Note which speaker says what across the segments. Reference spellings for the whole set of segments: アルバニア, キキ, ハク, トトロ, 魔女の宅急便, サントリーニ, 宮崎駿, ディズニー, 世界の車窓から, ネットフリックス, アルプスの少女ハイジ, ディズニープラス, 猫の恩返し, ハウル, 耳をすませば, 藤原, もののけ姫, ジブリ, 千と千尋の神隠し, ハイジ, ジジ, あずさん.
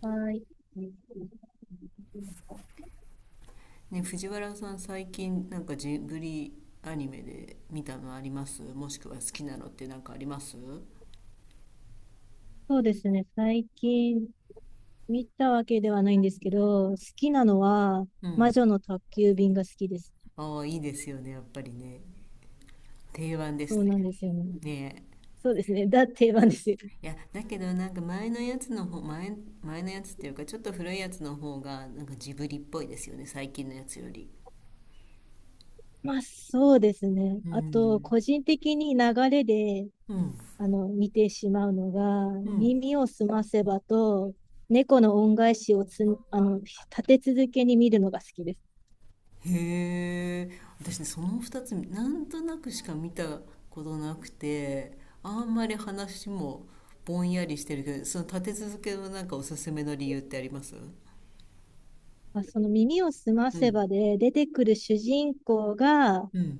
Speaker 1: はい。
Speaker 2: ね、藤原さん、最近なんかジブリアニメで見たのあります？もしくは好きなのってなんかあります？
Speaker 1: そうですね。最近見たわけではないんですけど、好きなのは、
Speaker 2: う
Speaker 1: 魔
Speaker 2: ん。
Speaker 1: 女の宅急便が好きです。
Speaker 2: ああ、いいですよね、やっぱりね。定番で
Speaker 1: そ
Speaker 2: す
Speaker 1: うなん
Speaker 2: ね。
Speaker 1: ですよね。
Speaker 2: ね
Speaker 1: そうですね。だってなですよ。
Speaker 2: え。いや、だけどなんか前のやつの方、前のやつっていうか、ちょっと古いやつの方がなんかジブリっぽいですよね、最近のやつより。
Speaker 1: まあ、そうですね。
Speaker 2: う
Speaker 1: あと、
Speaker 2: ん。
Speaker 1: 個人的に流れで、
Speaker 2: うん。
Speaker 1: 見てしまうのが、
Speaker 2: うん。
Speaker 1: 耳をすませばと、猫の恩返しを立て続けに見るのが好きです。
Speaker 2: へえ、私ねその2つなんとなくしか見たことなくて、あんまり話もぼんやりしてるけど、その立て続けのなんかおすすめの理由ってあります？
Speaker 1: まあ、その耳をすま
Speaker 2: う
Speaker 1: せ
Speaker 2: ん。
Speaker 1: ばで出てくる主人公が、
Speaker 2: うん。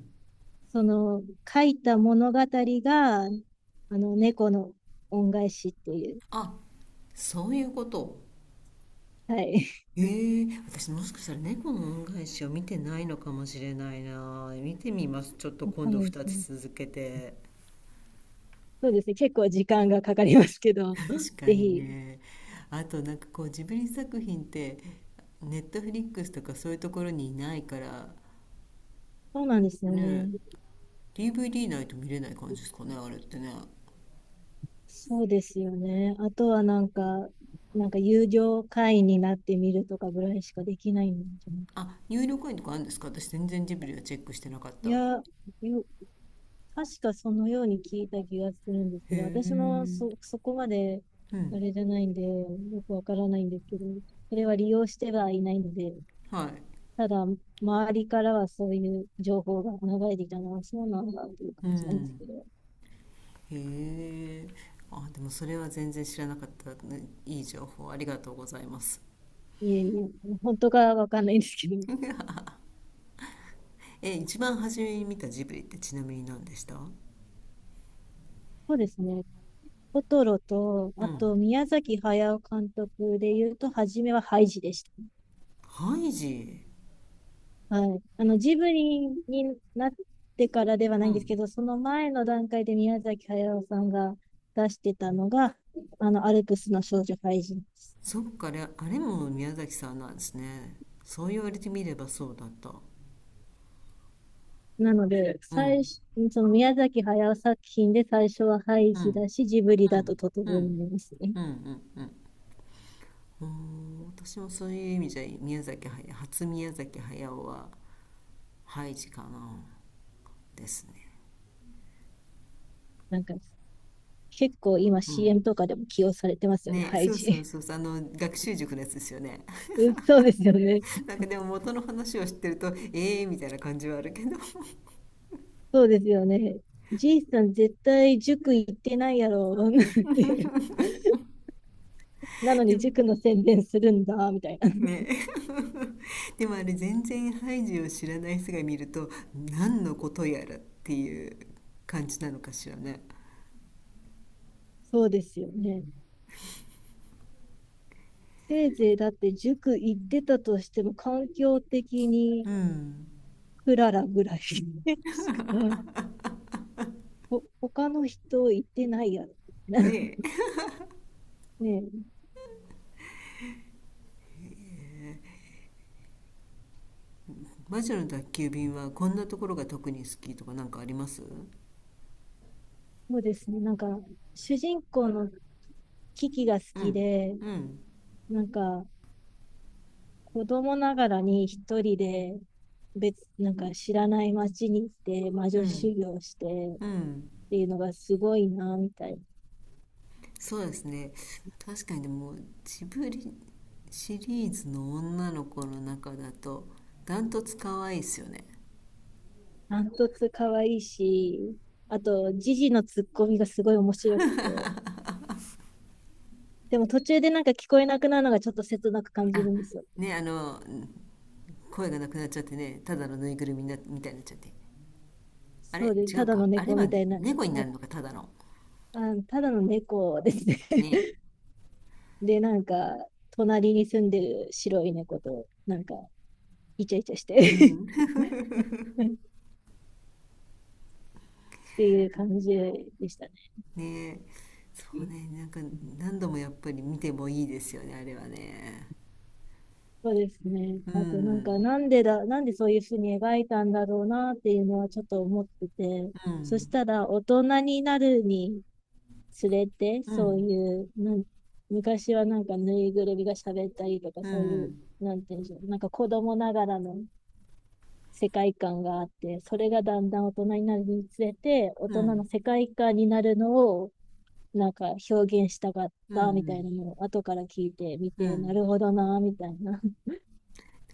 Speaker 1: その書いた物語が、猫の恩返しっていう。
Speaker 2: あ、そういうこと。
Speaker 1: はい。
Speaker 2: ええ、私もしかしたら猫の恩返しを見てないのかもしれないな。見てみます、ちょっと 今
Speaker 1: そう
Speaker 2: 度
Speaker 1: なんで
Speaker 2: 2
Speaker 1: すね。
Speaker 2: つ続けて。
Speaker 1: そうですね。結構時間がかかりますけど、
Speaker 2: 確か
Speaker 1: ぜ
Speaker 2: に
Speaker 1: ひ。
Speaker 2: ね。あとなんかこう、ジブリ作品ってネットフリックスとかそういうところにいないから
Speaker 1: そうなんですよ
Speaker 2: ね。
Speaker 1: ね。
Speaker 2: DVD ないと見れない感じですかね、あれってね。
Speaker 1: そうですよね。あとはなんか友情会員になってみるとかぐらいしかできないんじゃないかな。
Speaker 2: あ、入力園とかあるんですか？私全然ジブリはチェックしてなかっ
Speaker 1: い
Speaker 2: た。
Speaker 1: や、よ確かそのように聞いた気がするんです
Speaker 2: へ
Speaker 1: けど、私もそ、
Speaker 2: え。
Speaker 1: そこまで
Speaker 2: う
Speaker 1: あ
Speaker 2: ん。
Speaker 1: れじゃないんで、よくわからないんですけど、それは利用してはいないので、
Speaker 2: はい。
Speaker 1: ただ、周りからはそういう情報が流れてきたのは、そうなんだっていう
Speaker 2: う
Speaker 1: 感じなんです
Speaker 2: ん。
Speaker 1: けど、
Speaker 2: へえ。あ、でもそれは全然知らなかったね。いい情報ありがとうございます。
Speaker 1: いえいえ、本当かわかんないんですけど、
Speaker 2: え、一番初めに見たジブリってちなみに何でした？う
Speaker 1: そうですね、トトロと、あと
Speaker 2: ん。
Speaker 1: 宮崎駿監督で言うと、初めはハイジでした。
Speaker 2: ハイジ。
Speaker 1: はい。ジブリになってからではな
Speaker 2: う
Speaker 1: いんですけ
Speaker 2: ん。
Speaker 1: ど、その前の段階で宮崎駿さんが出してたのが、アルプスの少女ハイジです。
Speaker 2: そっかあれ、あれも宮崎さんなんですね。そう言われてみればそうだった。
Speaker 1: なので、
Speaker 2: う
Speaker 1: 最
Speaker 2: ん。
Speaker 1: 初、その宮崎駿作品で最初はハイ
Speaker 2: う
Speaker 1: ジ
Speaker 2: ん。
Speaker 1: だし、ジブリ
Speaker 2: う
Speaker 1: だと
Speaker 2: ん、
Speaker 1: トト
Speaker 2: うん、う
Speaker 1: ロ
Speaker 2: ん、
Speaker 1: になりますね。
Speaker 2: うん、うん。うーん、私もそういう意味じゃ、宮崎駿、初宮崎駿は、ハイジかな、ですね。
Speaker 1: なんか、結構今
Speaker 2: うん。
Speaker 1: CM とかでも起用されてますよね、
Speaker 2: ね、
Speaker 1: ハイ
Speaker 2: そう
Speaker 1: ジ。
Speaker 2: そう そうそう、あの、学習塾のやつですよね。
Speaker 1: うん、そうですよね。
Speaker 2: なんかでも元の話を知ってると、ええー、みたいな感じはあるけど、
Speaker 1: そうですよね。じいさん絶対塾行ってないやろ っていう。なの
Speaker 2: で
Speaker 1: に
Speaker 2: も、
Speaker 1: 塾の宣伝するんだ、みたいな。
Speaker 2: ね、でもあれ、全然ハイジを知らない人が見ると、何のことやらっていう感じなのかしらね。
Speaker 1: そうですよね。せいぜいだって塾行ってたとしても環境的に
Speaker 2: うん。
Speaker 1: クララぐらいし か他の人行ってないやろ。
Speaker 2: ね。
Speaker 1: ね。
Speaker 2: 魔女の宅急便はこんなところが特に好きとかなんかあります？
Speaker 1: そうですね。なんか、主人公のキキが好
Speaker 2: う
Speaker 1: き
Speaker 2: ん。
Speaker 1: で、
Speaker 2: うん。
Speaker 1: なんか、子供ながらに一人で、なんか知らない街に行って魔
Speaker 2: う
Speaker 1: 女
Speaker 2: ん。
Speaker 1: 修行してっ
Speaker 2: うん。
Speaker 1: ていうのがすごいな、みたいな。
Speaker 2: そうですね。確かにでも、ジブリシリーズの女の子の中だと、ダントツ可愛いですよね。
Speaker 1: ダントツ可愛いし、あと、ジジのツッコミがすごい面白くて。でも途中でなんか聞こえなくなるのがちょっと切なく感じ
Speaker 2: あ、
Speaker 1: るんですよ。
Speaker 2: ね、声がなくなっちゃってね、ただのぬいぐるみな、みたいになっちゃって。あ
Speaker 1: そ
Speaker 2: れ
Speaker 1: うで、
Speaker 2: 違
Speaker 1: た
Speaker 2: う
Speaker 1: だ
Speaker 2: か。
Speaker 1: の
Speaker 2: あれ
Speaker 1: 猫
Speaker 2: は
Speaker 1: みたいな、
Speaker 2: 猫にな
Speaker 1: あ
Speaker 2: るのか、ただの。
Speaker 1: あ、ただの猫ですね。
Speaker 2: ね。
Speaker 1: で、なんか、隣に住んでる白い猫と、なんか、イチャイチャし
Speaker 2: う
Speaker 1: て
Speaker 2: ん。ね
Speaker 1: っていう感じでしたね。
Speaker 2: え。そうね、なんか、何度もやっぱり見てもいいですよね、あれはね。
Speaker 1: そうですね。
Speaker 2: う
Speaker 1: あと、なんか、
Speaker 2: ん、
Speaker 1: なんでそういうふうに描いたんだろうなっていうのはちょっと思ってて、
Speaker 2: う
Speaker 1: そし
Speaker 2: ん、
Speaker 1: たら、大人になるにつれて、
Speaker 2: う
Speaker 1: そう
Speaker 2: ん、
Speaker 1: いう、昔はなんか、ぬいぐるみが喋ったりとか、
Speaker 2: う
Speaker 1: そういう、
Speaker 2: ん、
Speaker 1: なんていうんでしょう、なんか子供ながらの世界観があって、それがだんだん大人になるにつれて、大
Speaker 2: う
Speaker 1: 人
Speaker 2: ん、
Speaker 1: の世界観になるのを、なんか表現したかっ
Speaker 2: う
Speaker 1: たみたい
Speaker 2: ん、
Speaker 1: なのを後から聞いてみ
Speaker 2: う
Speaker 1: て、な
Speaker 2: ん。
Speaker 1: るほどな、みたいな。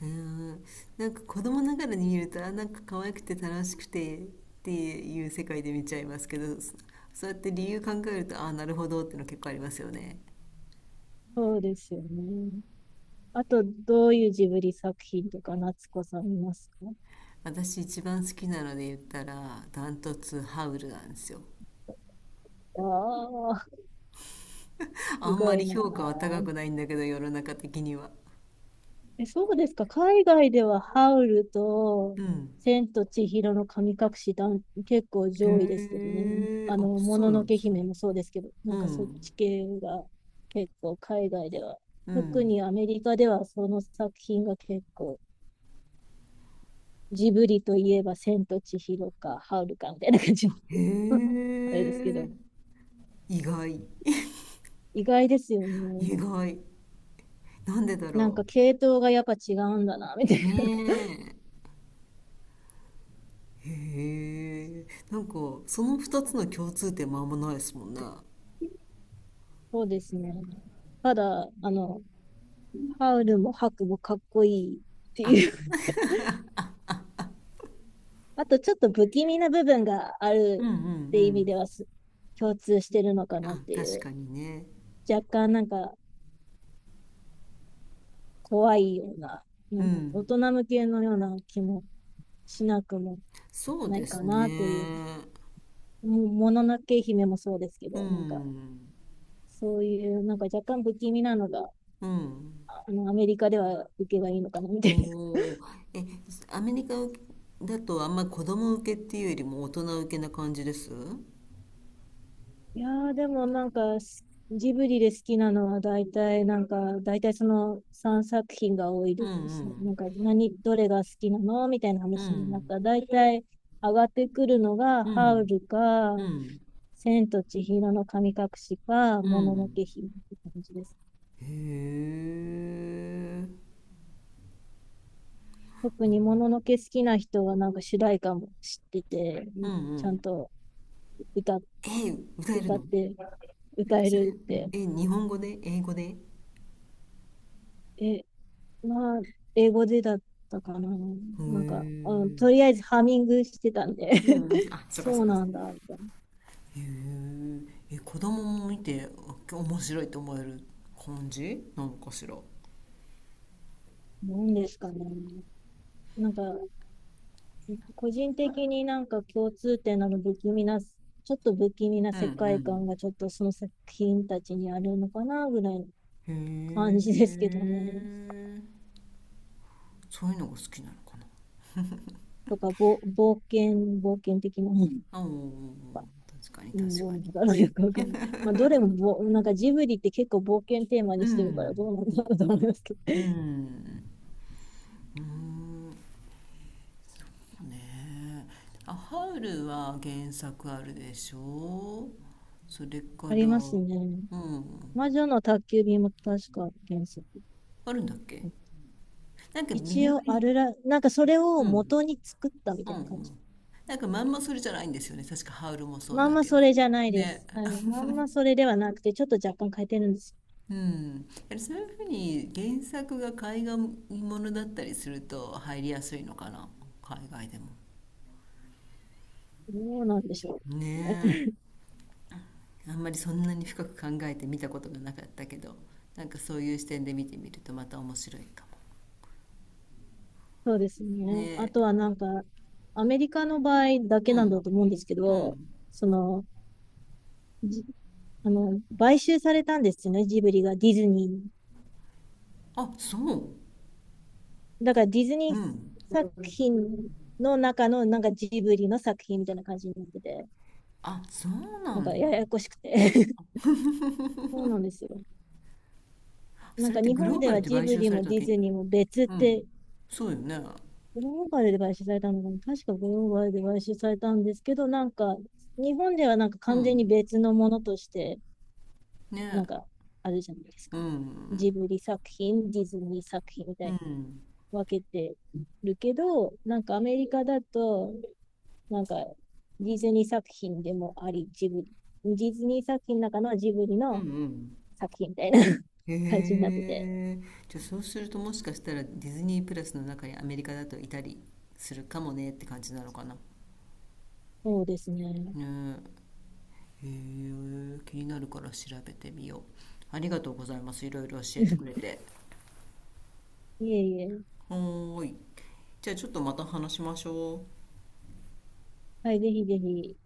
Speaker 2: あー、なんか子供ながらに見ると、あ、なんか可愛くて楽しくてっていう世界で見ちゃいますけど、そうやって理由考えると、あ、なるほどっての結構ありますよね。
Speaker 1: そうですよね。あと、どういうジブリ作品とか、夏子さんいますか？
Speaker 2: 私一番好きなので言ったらダントツハウルなんですよ。
Speaker 1: ああー、
Speaker 2: あ
Speaker 1: す
Speaker 2: ん
Speaker 1: ご
Speaker 2: ま
Speaker 1: い
Speaker 2: り
Speaker 1: な。
Speaker 2: 評価は高くないんだけど、世の中的には。
Speaker 1: え、そうですか。海外ではハウルと
Speaker 2: うん。
Speaker 1: 千と千尋の神隠し結構上位ですけ
Speaker 2: へ
Speaker 1: どね。
Speaker 2: え、あ、
Speaker 1: も
Speaker 2: そう
Speaker 1: の
Speaker 2: な
Speaker 1: の
Speaker 2: んで
Speaker 1: け
Speaker 2: すか。
Speaker 1: 姫もそうですけど、な
Speaker 2: う
Speaker 1: んかそっ
Speaker 2: ん。
Speaker 1: ち系が結構海外では。
Speaker 2: う
Speaker 1: 特
Speaker 2: ん。
Speaker 1: にアメリカではその作品が結構、ジブリといえば千と千尋かハウルかみたいな感じの
Speaker 2: へ
Speaker 1: あれですけ
Speaker 2: え、
Speaker 1: ど、
Speaker 2: 意外、
Speaker 1: 意外ですよね。
Speaker 2: 意外。なんでだ
Speaker 1: なん
Speaker 2: ろ。
Speaker 1: か系統がやっぱ違うんだな、みたいな。
Speaker 2: ねえ。う。へえ、なんか、その二つの共通点もあんまないですもんね。
Speaker 1: そうですね。ただ、ハウルもハクもかっこいいって
Speaker 2: あ、
Speaker 1: いう あとちょっと不気味な部分があ
Speaker 2: うん、う
Speaker 1: る
Speaker 2: ん、う
Speaker 1: って意味
Speaker 2: ん。
Speaker 1: では共通してるのかなっ
Speaker 2: あ、
Speaker 1: てい
Speaker 2: 確
Speaker 1: う。
Speaker 2: かにね。
Speaker 1: 若干なんか怖いような、
Speaker 2: う
Speaker 1: なんて大
Speaker 2: ん。
Speaker 1: 人向けのような気もしなくも
Speaker 2: そう
Speaker 1: な
Speaker 2: で
Speaker 1: い
Speaker 2: す
Speaker 1: かなっていう。
Speaker 2: ね。
Speaker 1: もののけ姫もそうですけ
Speaker 2: う
Speaker 1: ど、なんか
Speaker 2: ん。
Speaker 1: そういうなんか若干不気味なのが、
Speaker 2: うん。
Speaker 1: アメリカでは受けがいいのかなみたいな。
Speaker 2: おー。え、アメリカだとあんま子供受けっていうよりも大人受けな感じです？うん。
Speaker 1: いやーでもなんかジブリで好きなのは大体なんか大体その3作品が多い
Speaker 2: う
Speaker 1: ですね。
Speaker 2: ん。
Speaker 1: なんかどれが好きなのみたいな
Speaker 2: う
Speaker 1: 話になっ
Speaker 2: ん。
Speaker 1: 大体上がってくるのが
Speaker 2: う
Speaker 1: ハウ
Speaker 2: ん。
Speaker 1: ルか、
Speaker 2: うん。
Speaker 1: 千と千尋の神隠しか、
Speaker 2: う
Speaker 1: ものの
Speaker 2: ん。
Speaker 1: け姫って感じです。
Speaker 2: へえ。
Speaker 1: 特にもののけ好きな人はなんか主題歌も知ってて、
Speaker 2: うん、う
Speaker 1: ちゃん
Speaker 2: ん。
Speaker 1: と歌、
Speaker 2: え、歌える
Speaker 1: 歌っ
Speaker 2: の？
Speaker 1: て歌え
Speaker 2: それ、
Speaker 1: るって、
Speaker 2: え、日本語で？英語で？へえ。
Speaker 1: え、まあ、英語でだったかな。なん
Speaker 2: う
Speaker 1: か、うん、とり
Speaker 2: ん、
Speaker 1: あえずハミングしてたんで
Speaker 2: うん。あ、そうか
Speaker 1: そ
Speaker 2: そ
Speaker 1: う
Speaker 2: うか。へ
Speaker 1: なんだ、みたい
Speaker 2: え。え、子供も見てあ面白いと思える感じなのかしら。う
Speaker 1: な。なんですかね。なんか、個人的になんか共通点なの不気味な、ちょっと不気味な
Speaker 2: ん。
Speaker 1: 世界観
Speaker 2: う
Speaker 1: がちょっとその作品たちにあるのかな、ぐらいの感
Speaker 2: ん。
Speaker 1: じ
Speaker 2: へ
Speaker 1: ですけどね。
Speaker 2: え。そういうのが好きなのかな。
Speaker 1: とか、冒険的な。う
Speaker 2: あ、おーおーおー、確かに
Speaker 1: ん、
Speaker 2: 確
Speaker 1: どう
Speaker 2: か
Speaker 1: なん
Speaker 2: に。
Speaker 1: だろうよくわかんない。まあ、どれもなんかジブリって結構冒険テーマ
Speaker 2: う
Speaker 1: にしてるから
Speaker 2: ん。
Speaker 1: どうなんだろうと思いますけど。
Speaker 2: うん。うん。ねえ、あ、ハウルは原作あるでしょ？それか
Speaker 1: あり
Speaker 2: ら。
Speaker 1: ますね。
Speaker 2: うん。
Speaker 1: 魔女の宅急便も確か原作。
Speaker 2: あるんだっけ？なんか微
Speaker 1: 一
Speaker 2: 妙
Speaker 1: 応あ
Speaker 2: に。
Speaker 1: るなんかそれ
Speaker 2: う
Speaker 1: を
Speaker 2: ん。う
Speaker 1: 元
Speaker 2: ん。
Speaker 1: に作ったみたい
Speaker 2: う
Speaker 1: な感じ。
Speaker 2: ん。なんかまんまそれじゃないんですよね、確かハウルもそう
Speaker 1: まん
Speaker 2: だ
Speaker 1: ま
Speaker 2: け
Speaker 1: そ
Speaker 2: ど。
Speaker 1: れじゃないで
Speaker 2: ね。
Speaker 1: す。はい。まんまそれではなくて、ちょっと若干変えてるんです
Speaker 2: うん、やはりそういうふうに原作が海外ものだったりすると入りやすいのかな、海外でも。
Speaker 1: よ。どうなんでしょうね。
Speaker 2: ねえ。 あんまりそんなに深く考えて見たことがなかったけど、なんかそういう視点で見てみるとまた面白いかも。
Speaker 1: そうですね。あ
Speaker 2: ね
Speaker 1: と
Speaker 2: え。
Speaker 1: はなんか、アメリカの場合だけ
Speaker 2: う
Speaker 1: なん
Speaker 2: ん。
Speaker 1: だと思うんですけ
Speaker 2: う
Speaker 1: ど、
Speaker 2: ん。
Speaker 1: その、じあの、買収されたんですよね、ジブリがディズニーに。
Speaker 2: あ、そう。
Speaker 1: だからディズ
Speaker 2: う
Speaker 1: ニ
Speaker 2: ん。
Speaker 1: ー作品の中のなんかジブリの作品みたいな感じになってて。
Speaker 2: あ、そうな
Speaker 1: なんか
Speaker 2: んだ。
Speaker 1: ややこしくて そうなんですよ。な
Speaker 2: そ
Speaker 1: ん
Speaker 2: れっ
Speaker 1: か
Speaker 2: て
Speaker 1: 日
Speaker 2: グロ
Speaker 1: 本
Speaker 2: ー
Speaker 1: で
Speaker 2: バル
Speaker 1: は
Speaker 2: で
Speaker 1: ジ
Speaker 2: 買
Speaker 1: ブ
Speaker 2: 収
Speaker 1: リ
Speaker 2: され
Speaker 1: も
Speaker 2: たわ
Speaker 1: ディ
Speaker 2: け？
Speaker 1: ズニーも別っ
Speaker 2: うん。
Speaker 1: て、
Speaker 2: そうよね。
Speaker 1: グローバルで買収されたのかな。確かグローバルで買収されたんですけど、なんか日本ではなんか
Speaker 2: う
Speaker 1: 完全に
Speaker 2: ん。
Speaker 1: 別のものとして、
Speaker 2: ね
Speaker 1: なん
Speaker 2: え。
Speaker 1: かあるじゃないです
Speaker 2: う
Speaker 1: か。ジ
Speaker 2: ん。
Speaker 1: ブリ作品、ディズニー作品みた
Speaker 2: う
Speaker 1: いに
Speaker 2: ん。
Speaker 1: 分けてるけど、なんかアメリカだと、なんかディズニー作品でもあり、ジブリ。ディズニー作品の中のジブリ
Speaker 2: うん、う
Speaker 1: の
Speaker 2: ん。
Speaker 1: 作品みたいな 感じになっ
Speaker 2: へ
Speaker 1: てて、
Speaker 2: え。じゃあそうするともしかしたらディズニープラスの中にアメリカだといたりするかもねって感じなのかな。
Speaker 1: そうですね。
Speaker 2: ねえ。へえ。気になるから調べてみよう。ありがとうございます、いろいろ教えてくれ て。
Speaker 1: いえいえ。
Speaker 2: はーい。じゃあちょっとまた話しましょう。
Speaker 1: はい、ぜひぜひ、